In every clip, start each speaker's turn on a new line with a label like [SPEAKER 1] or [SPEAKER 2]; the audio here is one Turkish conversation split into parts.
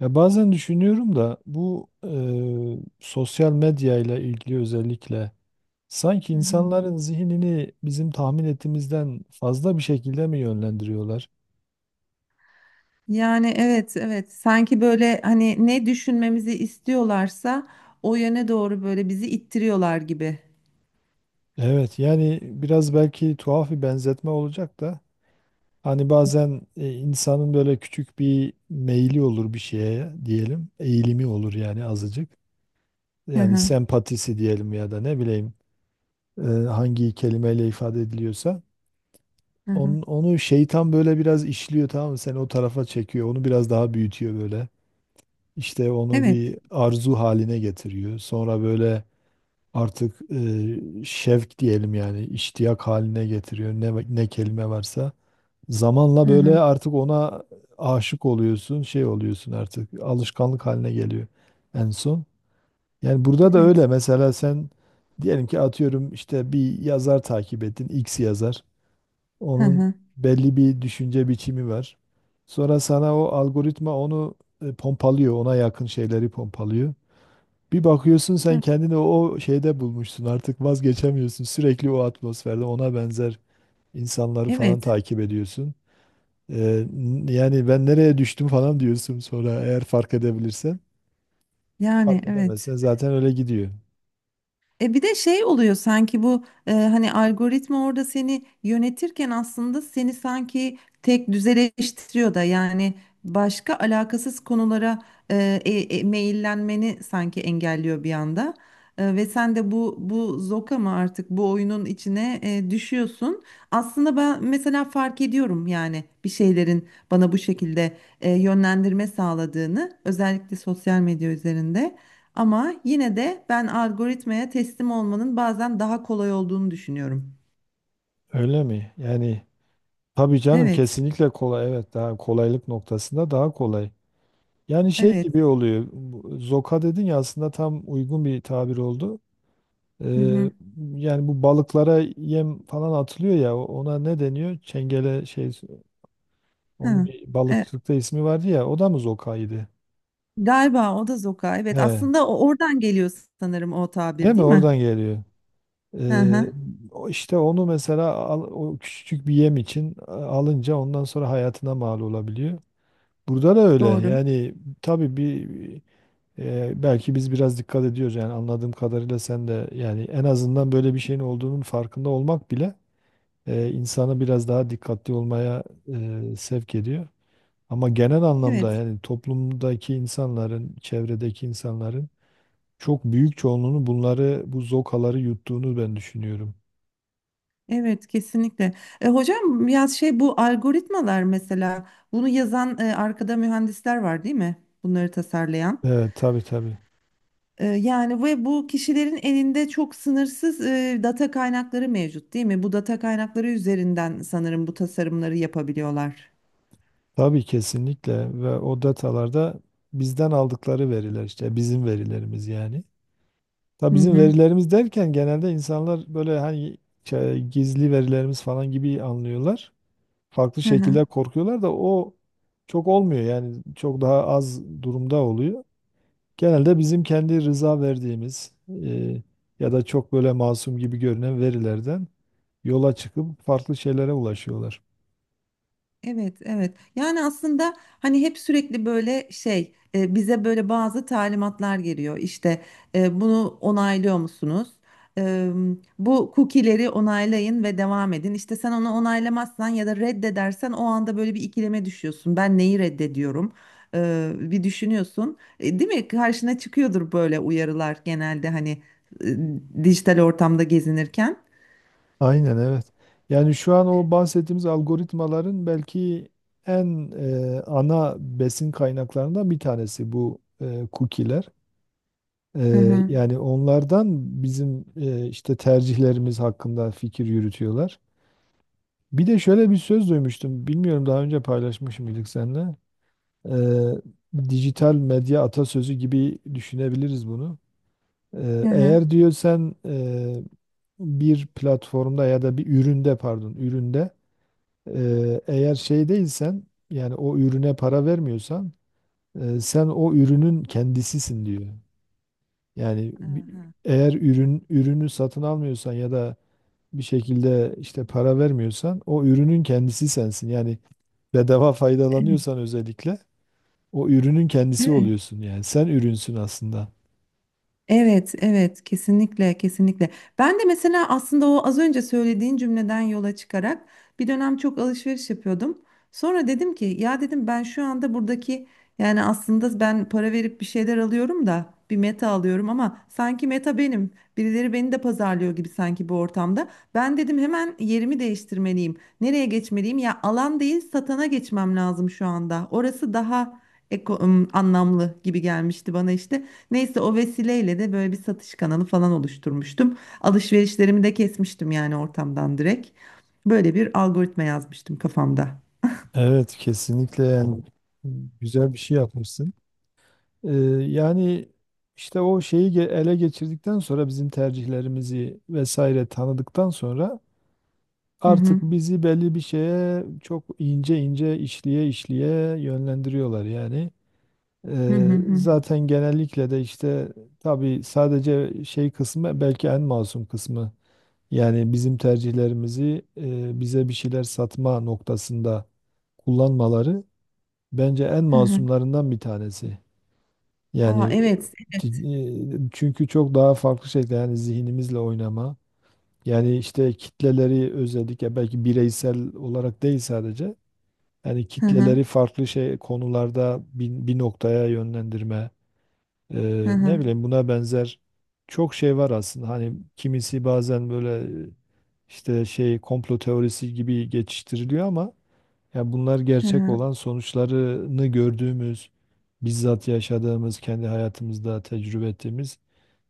[SPEAKER 1] Ya bazen düşünüyorum da bu sosyal medya ile ilgili özellikle sanki
[SPEAKER 2] Hı hı.
[SPEAKER 1] insanların zihnini bizim tahmin ettiğimizden fazla bir şekilde mi yönlendiriyorlar?
[SPEAKER 2] Yani evet evet sanki böyle hani ne düşünmemizi istiyorlarsa o yöne doğru böyle bizi ittiriyorlar gibi.
[SPEAKER 1] Evet yani biraz belki tuhaf bir benzetme olacak da hani bazen insanın böyle küçük bir meyli olur bir şeye diyelim eğilimi olur yani azıcık
[SPEAKER 2] Hı
[SPEAKER 1] yani
[SPEAKER 2] hı,
[SPEAKER 1] sempatisi diyelim ya da ne bileyim hangi kelimeyle ifade ediliyorsa.
[SPEAKER 2] hı hı.
[SPEAKER 1] Onu, onu şeytan böyle biraz işliyor, tamam mı? Seni o tarafa çekiyor. Onu biraz daha büyütüyor böyle. İşte onu
[SPEAKER 2] Evet.
[SPEAKER 1] bir arzu haline getiriyor. Sonra böyle artık şevk diyelim yani iştiyak haline getiriyor. Ne, ne kelime varsa. Zamanla
[SPEAKER 2] Hı
[SPEAKER 1] böyle
[SPEAKER 2] hı,
[SPEAKER 1] artık ona aşık oluyorsun, şey oluyorsun artık. Alışkanlık haline geliyor en son. Yani burada da
[SPEAKER 2] evet.
[SPEAKER 1] öyle. Mesela sen diyelim ki atıyorum işte bir yazar takip ettin, X yazar.
[SPEAKER 2] Hı
[SPEAKER 1] Onun
[SPEAKER 2] hı.
[SPEAKER 1] belli bir düşünce biçimi var. Sonra sana o algoritma onu pompalıyor, ona yakın şeyleri pompalıyor. Bir bakıyorsun sen kendini o şeyde bulmuşsun. Artık vazgeçemiyorsun. Sürekli o atmosferde ona benzer insanları falan
[SPEAKER 2] Evet.
[SPEAKER 1] takip ediyorsun. Yani ben nereye düştüm falan diyorsun sonra eğer fark edebilirsen.
[SPEAKER 2] Yani
[SPEAKER 1] Fark
[SPEAKER 2] evet.
[SPEAKER 1] edemezsen zaten öyle gidiyor.
[SPEAKER 2] Bir de şey oluyor sanki bu hani algoritma orada seni yönetirken aslında seni sanki tek düzeleştiriyor da yani başka alakasız konulara e, e, meyillenmeni sanki engelliyor bir anda. Ve sen de bu zoka mı artık bu oyunun içine düşüyorsun. Aslında ben mesela fark ediyorum yani bir şeylerin bana bu şekilde yönlendirme sağladığını özellikle sosyal medya üzerinde. Ama yine de ben algoritmaya teslim olmanın bazen daha kolay olduğunu düşünüyorum.
[SPEAKER 1] Öyle mi? Yani tabii canım
[SPEAKER 2] Evet,
[SPEAKER 1] kesinlikle kolay. Evet, daha kolaylık noktasında daha kolay. Yani şey
[SPEAKER 2] evet.
[SPEAKER 1] gibi oluyor. Zoka dedin ya, aslında tam uygun bir tabir oldu.
[SPEAKER 2] Hı hı.
[SPEAKER 1] Ee, Yani bu balıklara yem falan atılıyor ya, ona ne deniyor? Çengele şey, onun
[SPEAKER 2] Ha.
[SPEAKER 1] bir
[SPEAKER 2] E,
[SPEAKER 1] balıkçılıkta ismi vardı ya, o da mı zokaydı?
[SPEAKER 2] Galiba o da zoka. Evet,
[SPEAKER 1] He,
[SPEAKER 2] aslında o oradan geliyor sanırım o
[SPEAKER 1] değil
[SPEAKER 2] tabir,
[SPEAKER 1] mi?
[SPEAKER 2] değil mi?
[SPEAKER 1] Oradan geliyor.
[SPEAKER 2] Hı
[SPEAKER 1] Ee,
[SPEAKER 2] hı.
[SPEAKER 1] O işte onu mesela o küçücük bir yem için alınca ondan sonra hayatına mal olabiliyor. Burada da öyle.
[SPEAKER 2] Doğru.
[SPEAKER 1] Yani tabii bir belki biz biraz dikkat ediyoruz yani anladığım kadarıyla sen de, yani en azından böyle bir şeyin olduğunun farkında olmak bile insanı biraz daha dikkatli olmaya sevk ediyor. Ama genel
[SPEAKER 2] Evet.
[SPEAKER 1] anlamda yani toplumdaki insanların, çevredeki insanların çok büyük çoğunluğunun bunları, bu zokaları yuttuğunu ben düşünüyorum.
[SPEAKER 2] Evet, kesinlikle. Hocam ya şey bu algoritmalar mesela bunu yazan arkada mühendisler var değil mi? Bunları tasarlayan.
[SPEAKER 1] Evet, tabii.
[SPEAKER 2] Yani ve bu kişilerin elinde çok sınırsız data kaynakları mevcut değil mi? Bu data kaynakları üzerinden sanırım bu tasarımları yapabiliyorlar.
[SPEAKER 1] Tabii kesinlikle, ve o datalarda bizden aldıkları veriler işte bizim verilerimiz yani. Tabii
[SPEAKER 2] Hı
[SPEAKER 1] bizim
[SPEAKER 2] hı.
[SPEAKER 1] verilerimiz derken genelde insanlar böyle hani şey, gizli verilerimiz falan gibi anlıyorlar. Farklı
[SPEAKER 2] Hı hı.
[SPEAKER 1] şekilde korkuyorlar da o çok olmuyor yani, çok daha az durumda oluyor. Genelde bizim kendi rıza verdiğimiz e, ya da çok böyle masum gibi görünen verilerden yola çıkıp farklı şeylere ulaşıyorlar.
[SPEAKER 2] Evet, evet. Yani aslında hani hep sürekli böyle şey bize böyle bazı talimatlar geliyor. İşte bunu onaylıyor musunuz? E, Bu cookie'leri onaylayın ve devam edin. İşte sen onu onaylamazsan ya da reddedersen o anda böyle bir ikileme düşüyorsun. Ben neyi reddediyorum? Bir düşünüyorsun. Değil mi? Karşına çıkıyordur böyle uyarılar genelde hani dijital ortamda gezinirken.
[SPEAKER 1] Aynen evet. Yani şu an o bahsettiğimiz algoritmaların belki en ana besin kaynaklarından bir tanesi bu cookie'ler.
[SPEAKER 2] Hı hı.
[SPEAKER 1] Yani onlardan bizim işte tercihlerimiz hakkında fikir yürütüyorlar. Bir de şöyle bir söz duymuştum. Bilmiyorum, daha önce paylaşmış mıydık seninle? Eee, Dijital medya atasözü gibi düşünebiliriz bunu.
[SPEAKER 2] Hı hı.
[SPEAKER 1] Eğer diyor sen bir platformda ya da bir üründe, pardon üründe eğer şey değilsen, yani o ürüne para vermiyorsan, sen o ürünün kendisisin diyor. Yani
[SPEAKER 2] Aha.
[SPEAKER 1] eğer ürün ürünü satın almıyorsan ya da bir şekilde işte para vermiyorsan, o ürünün kendisi sensin. Yani bedava faydalanıyorsan özellikle o ürünün kendisi
[SPEAKER 2] Evet.
[SPEAKER 1] oluyorsun yani. Sen ürünsün aslında.
[SPEAKER 2] Evet, evet, kesinlikle, kesinlikle. Ben de mesela aslında o az önce söylediğin cümleden yola çıkarak bir dönem çok alışveriş yapıyordum. Sonra dedim ki ya dedim ben şu anda buradaki yani aslında ben para verip bir şeyler alıyorum da bir meta alıyorum ama sanki meta benim. Birileri beni de pazarlıyor gibi sanki bu ortamda. Ben dedim hemen yerimi değiştirmeliyim. Nereye geçmeliyim? Ya alan değil satana geçmem lazım şu anda. Orası daha anlamlı gibi gelmişti bana işte. Neyse o vesileyle de böyle bir satış kanalı falan oluşturmuştum. Alışverişlerimi de kesmiştim yani ortamdan direkt. Böyle bir algoritma yazmıştım kafamda.
[SPEAKER 1] Evet, kesinlikle yani, güzel bir şey yapmışsın. Ee, Yani işte o şeyi ele geçirdikten sonra bizim tercihlerimizi vesaire tanıdıktan sonra
[SPEAKER 2] Hı hı.
[SPEAKER 1] artık bizi belli bir şeye çok ince ince işliye işliye yönlendiriyorlar yani.
[SPEAKER 2] Hı hı hı.
[SPEAKER 1] Zaten genellikle de işte tabii sadece şey kısmı belki en masum kısmı. Yani bizim tercihlerimizi bize bir şeyler satma noktasında kullanmaları bence en
[SPEAKER 2] Hı hı.
[SPEAKER 1] masumlarından bir tanesi.
[SPEAKER 2] Aa
[SPEAKER 1] Yani
[SPEAKER 2] evet, evet.
[SPEAKER 1] çünkü çok daha farklı şeyler yani, zihnimizle oynama. Yani işte kitleleri özellikle, belki bireysel olarak değil sadece. Yani
[SPEAKER 2] Hı hı.
[SPEAKER 1] kitleleri farklı şey konularda bir, bir noktaya yönlendirme.
[SPEAKER 2] Hı
[SPEAKER 1] Ne
[SPEAKER 2] hı.
[SPEAKER 1] bileyim, buna benzer çok şey var aslında. Hani kimisi bazen böyle işte şey, komplo teorisi gibi geçiştiriliyor ama ya, bunlar
[SPEAKER 2] Hı
[SPEAKER 1] gerçek
[SPEAKER 2] hı.
[SPEAKER 1] olan, sonuçlarını gördüğümüz, bizzat yaşadığımız, kendi hayatımızda tecrübe ettiğimiz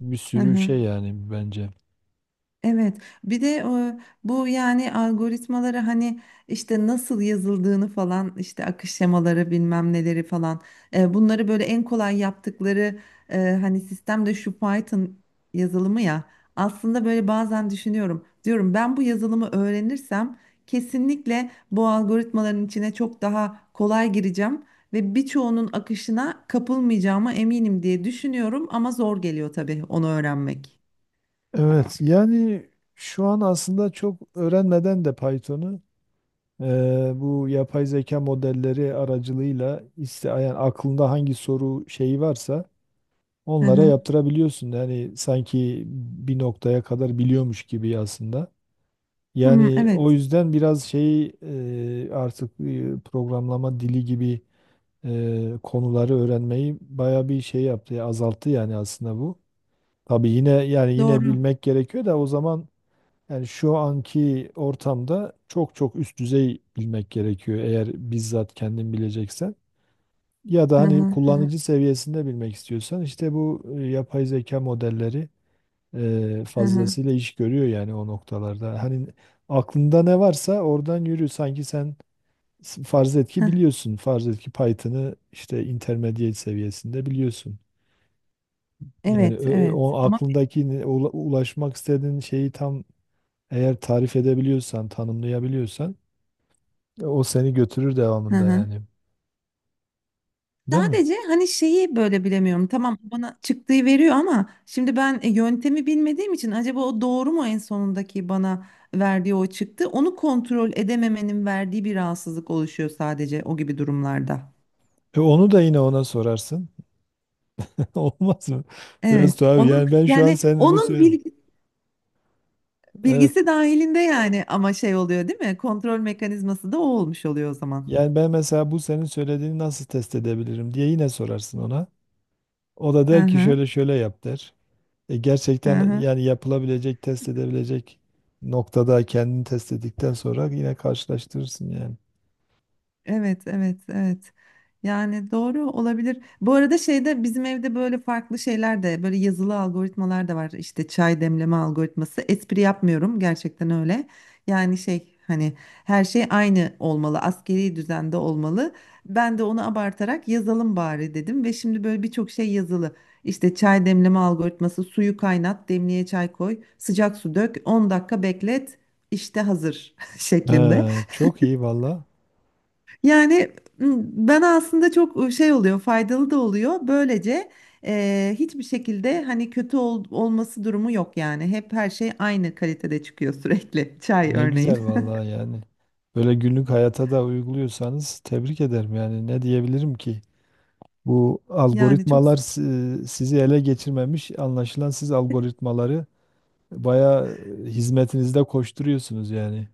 [SPEAKER 1] bir
[SPEAKER 2] Hı
[SPEAKER 1] sürü
[SPEAKER 2] hı.
[SPEAKER 1] şey yani bence.
[SPEAKER 2] Evet, bir de bu yani algoritmaları hani işte nasıl yazıldığını falan işte akış şemaları bilmem neleri falan bunları böyle en kolay yaptıkları hani sistemde şu Python yazılımı ya aslında böyle bazen düşünüyorum diyorum ben bu yazılımı öğrenirsem kesinlikle bu algoritmaların içine çok daha kolay gireceğim ve birçoğunun akışına kapılmayacağıma eminim diye düşünüyorum ama zor geliyor tabii onu öğrenmek.
[SPEAKER 1] Evet, yani şu an aslında çok öğrenmeden de Python'u bu yapay zeka modelleri aracılığıyla iste, yani aklında hangi soru şeyi varsa
[SPEAKER 2] Hı
[SPEAKER 1] onlara
[SPEAKER 2] hı.
[SPEAKER 1] yaptırabiliyorsun. Yani sanki bir noktaya kadar biliyormuş gibi aslında.
[SPEAKER 2] Hmm,
[SPEAKER 1] Yani o
[SPEAKER 2] evet.
[SPEAKER 1] yüzden biraz şeyi artık programlama dili gibi konuları öğrenmeyi baya bir şey yaptı, azalttı yani aslında bu. Tabii yine yani, yine
[SPEAKER 2] Doğru.
[SPEAKER 1] bilmek gerekiyor da o zaman, yani şu anki ortamda çok çok üst düzey bilmek gerekiyor eğer bizzat kendin bileceksen. Ya da
[SPEAKER 2] Hı
[SPEAKER 1] hani
[SPEAKER 2] hı hı
[SPEAKER 1] kullanıcı seviyesinde bilmek istiyorsan işte bu yapay zeka modelleri
[SPEAKER 2] hı hı.
[SPEAKER 1] fazlasıyla iş görüyor yani o noktalarda. Hani aklında ne varsa oradan yürü. Sanki sen farz et ki
[SPEAKER 2] Hı.
[SPEAKER 1] biliyorsun. Farz et ki Python'ı işte intermediate seviyesinde biliyorsun. Yani
[SPEAKER 2] Evet, evet.
[SPEAKER 1] o
[SPEAKER 2] Ama
[SPEAKER 1] aklındaki ulaşmak istediğin şeyi tam, eğer tarif edebiliyorsan, tanımlayabiliyorsan, o seni götürür
[SPEAKER 2] hı
[SPEAKER 1] devamında
[SPEAKER 2] hı.
[SPEAKER 1] yani. Değil mi?
[SPEAKER 2] Sadece hani şeyi böyle bilemiyorum. Tamam bana çıktığı veriyor ama şimdi ben yöntemi bilmediğim için acaba o doğru mu en sonundaki bana verdiği o çıktı? Onu kontrol edememenin verdiği bir rahatsızlık oluşuyor sadece o gibi durumlarda.
[SPEAKER 1] E, onu da yine ona sorarsın. Olmaz mı?
[SPEAKER 2] Evet.
[SPEAKER 1] Biraz tuhaf.
[SPEAKER 2] Onun
[SPEAKER 1] Yani ben şu an
[SPEAKER 2] yani
[SPEAKER 1] senin bu
[SPEAKER 2] onun
[SPEAKER 1] Evet.
[SPEAKER 2] bilgisi dahilinde yani ama şey oluyor değil mi? Kontrol mekanizması da o olmuş oluyor o zaman.
[SPEAKER 1] Yani ben mesela bu senin söylediğini nasıl test edebilirim diye yine sorarsın ona. O da
[SPEAKER 2] Hı
[SPEAKER 1] der ki
[SPEAKER 2] hı.
[SPEAKER 1] şöyle şöyle yap der. E,
[SPEAKER 2] Hı
[SPEAKER 1] gerçekten
[SPEAKER 2] hı.
[SPEAKER 1] yani, yapılabilecek, test edebilecek noktada kendini test ettikten sonra yine karşılaştırırsın yani.
[SPEAKER 2] Evet, evet, evet. Yani doğru olabilir. Bu arada şeyde bizim evde böyle farklı şeyler de böyle yazılı algoritmalar da var. İşte çay demleme algoritması. Espri yapmıyorum gerçekten öyle. Yani şey hani her şey aynı olmalı, askeri düzende olmalı. Ben de onu abartarak yazalım bari dedim ve şimdi böyle birçok şey yazılı. İşte çay demleme algoritması, suyu kaynat, demliğe çay koy, sıcak su dök, 10 dakika beklet, işte hazır şeklinde.
[SPEAKER 1] Çok iyi valla.
[SPEAKER 2] Yani m, bana aslında çok şey oluyor, faydalı da oluyor. Böylece hiçbir şekilde hani kötü olması durumu yok yani. Hep her şey aynı kalitede çıkıyor sürekli. Çay
[SPEAKER 1] Ne
[SPEAKER 2] örneğin.
[SPEAKER 1] güzel valla yani. Böyle günlük hayata da uyguluyorsanız, tebrik ederim yani. Ne diyebilirim ki? Bu
[SPEAKER 2] Yani çok
[SPEAKER 1] algoritmalar sizi ele geçirmemiş. Anlaşılan siz algoritmaları bayağı hizmetinizde koşturuyorsunuz yani.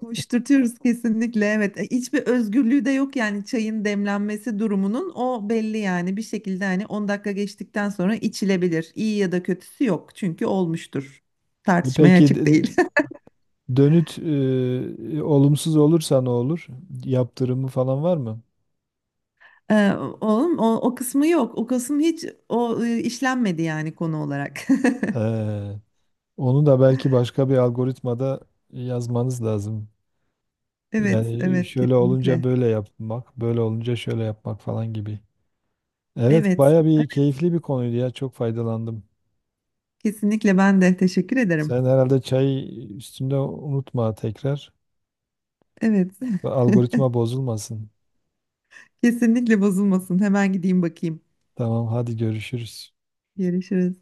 [SPEAKER 2] koşturtuyoruz kesinlikle. Evet, hiçbir özgürlüğü de yok yani çayın demlenmesi durumunun o belli yani bir şekilde hani 10 dakika geçtikten sonra içilebilir. İyi ya da kötüsü yok çünkü olmuştur.
[SPEAKER 1] E,
[SPEAKER 2] Tartışmaya
[SPEAKER 1] peki
[SPEAKER 2] açık değil.
[SPEAKER 1] dönüt olumsuz olursa ne olur? Yaptırımı falan var mı?
[SPEAKER 2] Ee, Oğlum o kısmı yok. O kısım hiç o işlenmedi yani konu olarak.
[SPEAKER 1] Ee, Onu da belki başka bir algoritmada yazmanız lazım.
[SPEAKER 2] Evet,
[SPEAKER 1] Yani
[SPEAKER 2] evet
[SPEAKER 1] şöyle olunca
[SPEAKER 2] kesinlikle.
[SPEAKER 1] böyle yapmak, böyle olunca şöyle yapmak falan gibi. Evet,
[SPEAKER 2] Evet,
[SPEAKER 1] baya bir
[SPEAKER 2] evet
[SPEAKER 1] keyifli bir konuydu ya. Çok faydalandım.
[SPEAKER 2] kesinlikle ben de teşekkür ederim.
[SPEAKER 1] Sen herhalde çay üstünde, unutma tekrar.
[SPEAKER 2] Evet.
[SPEAKER 1] Algoritma bozulmasın.
[SPEAKER 2] Kesinlikle bozulmasın. Hemen gideyim bakayım.
[SPEAKER 1] Tamam, hadi görüşürüz.
[SPEAKER 2] Görüşürüz.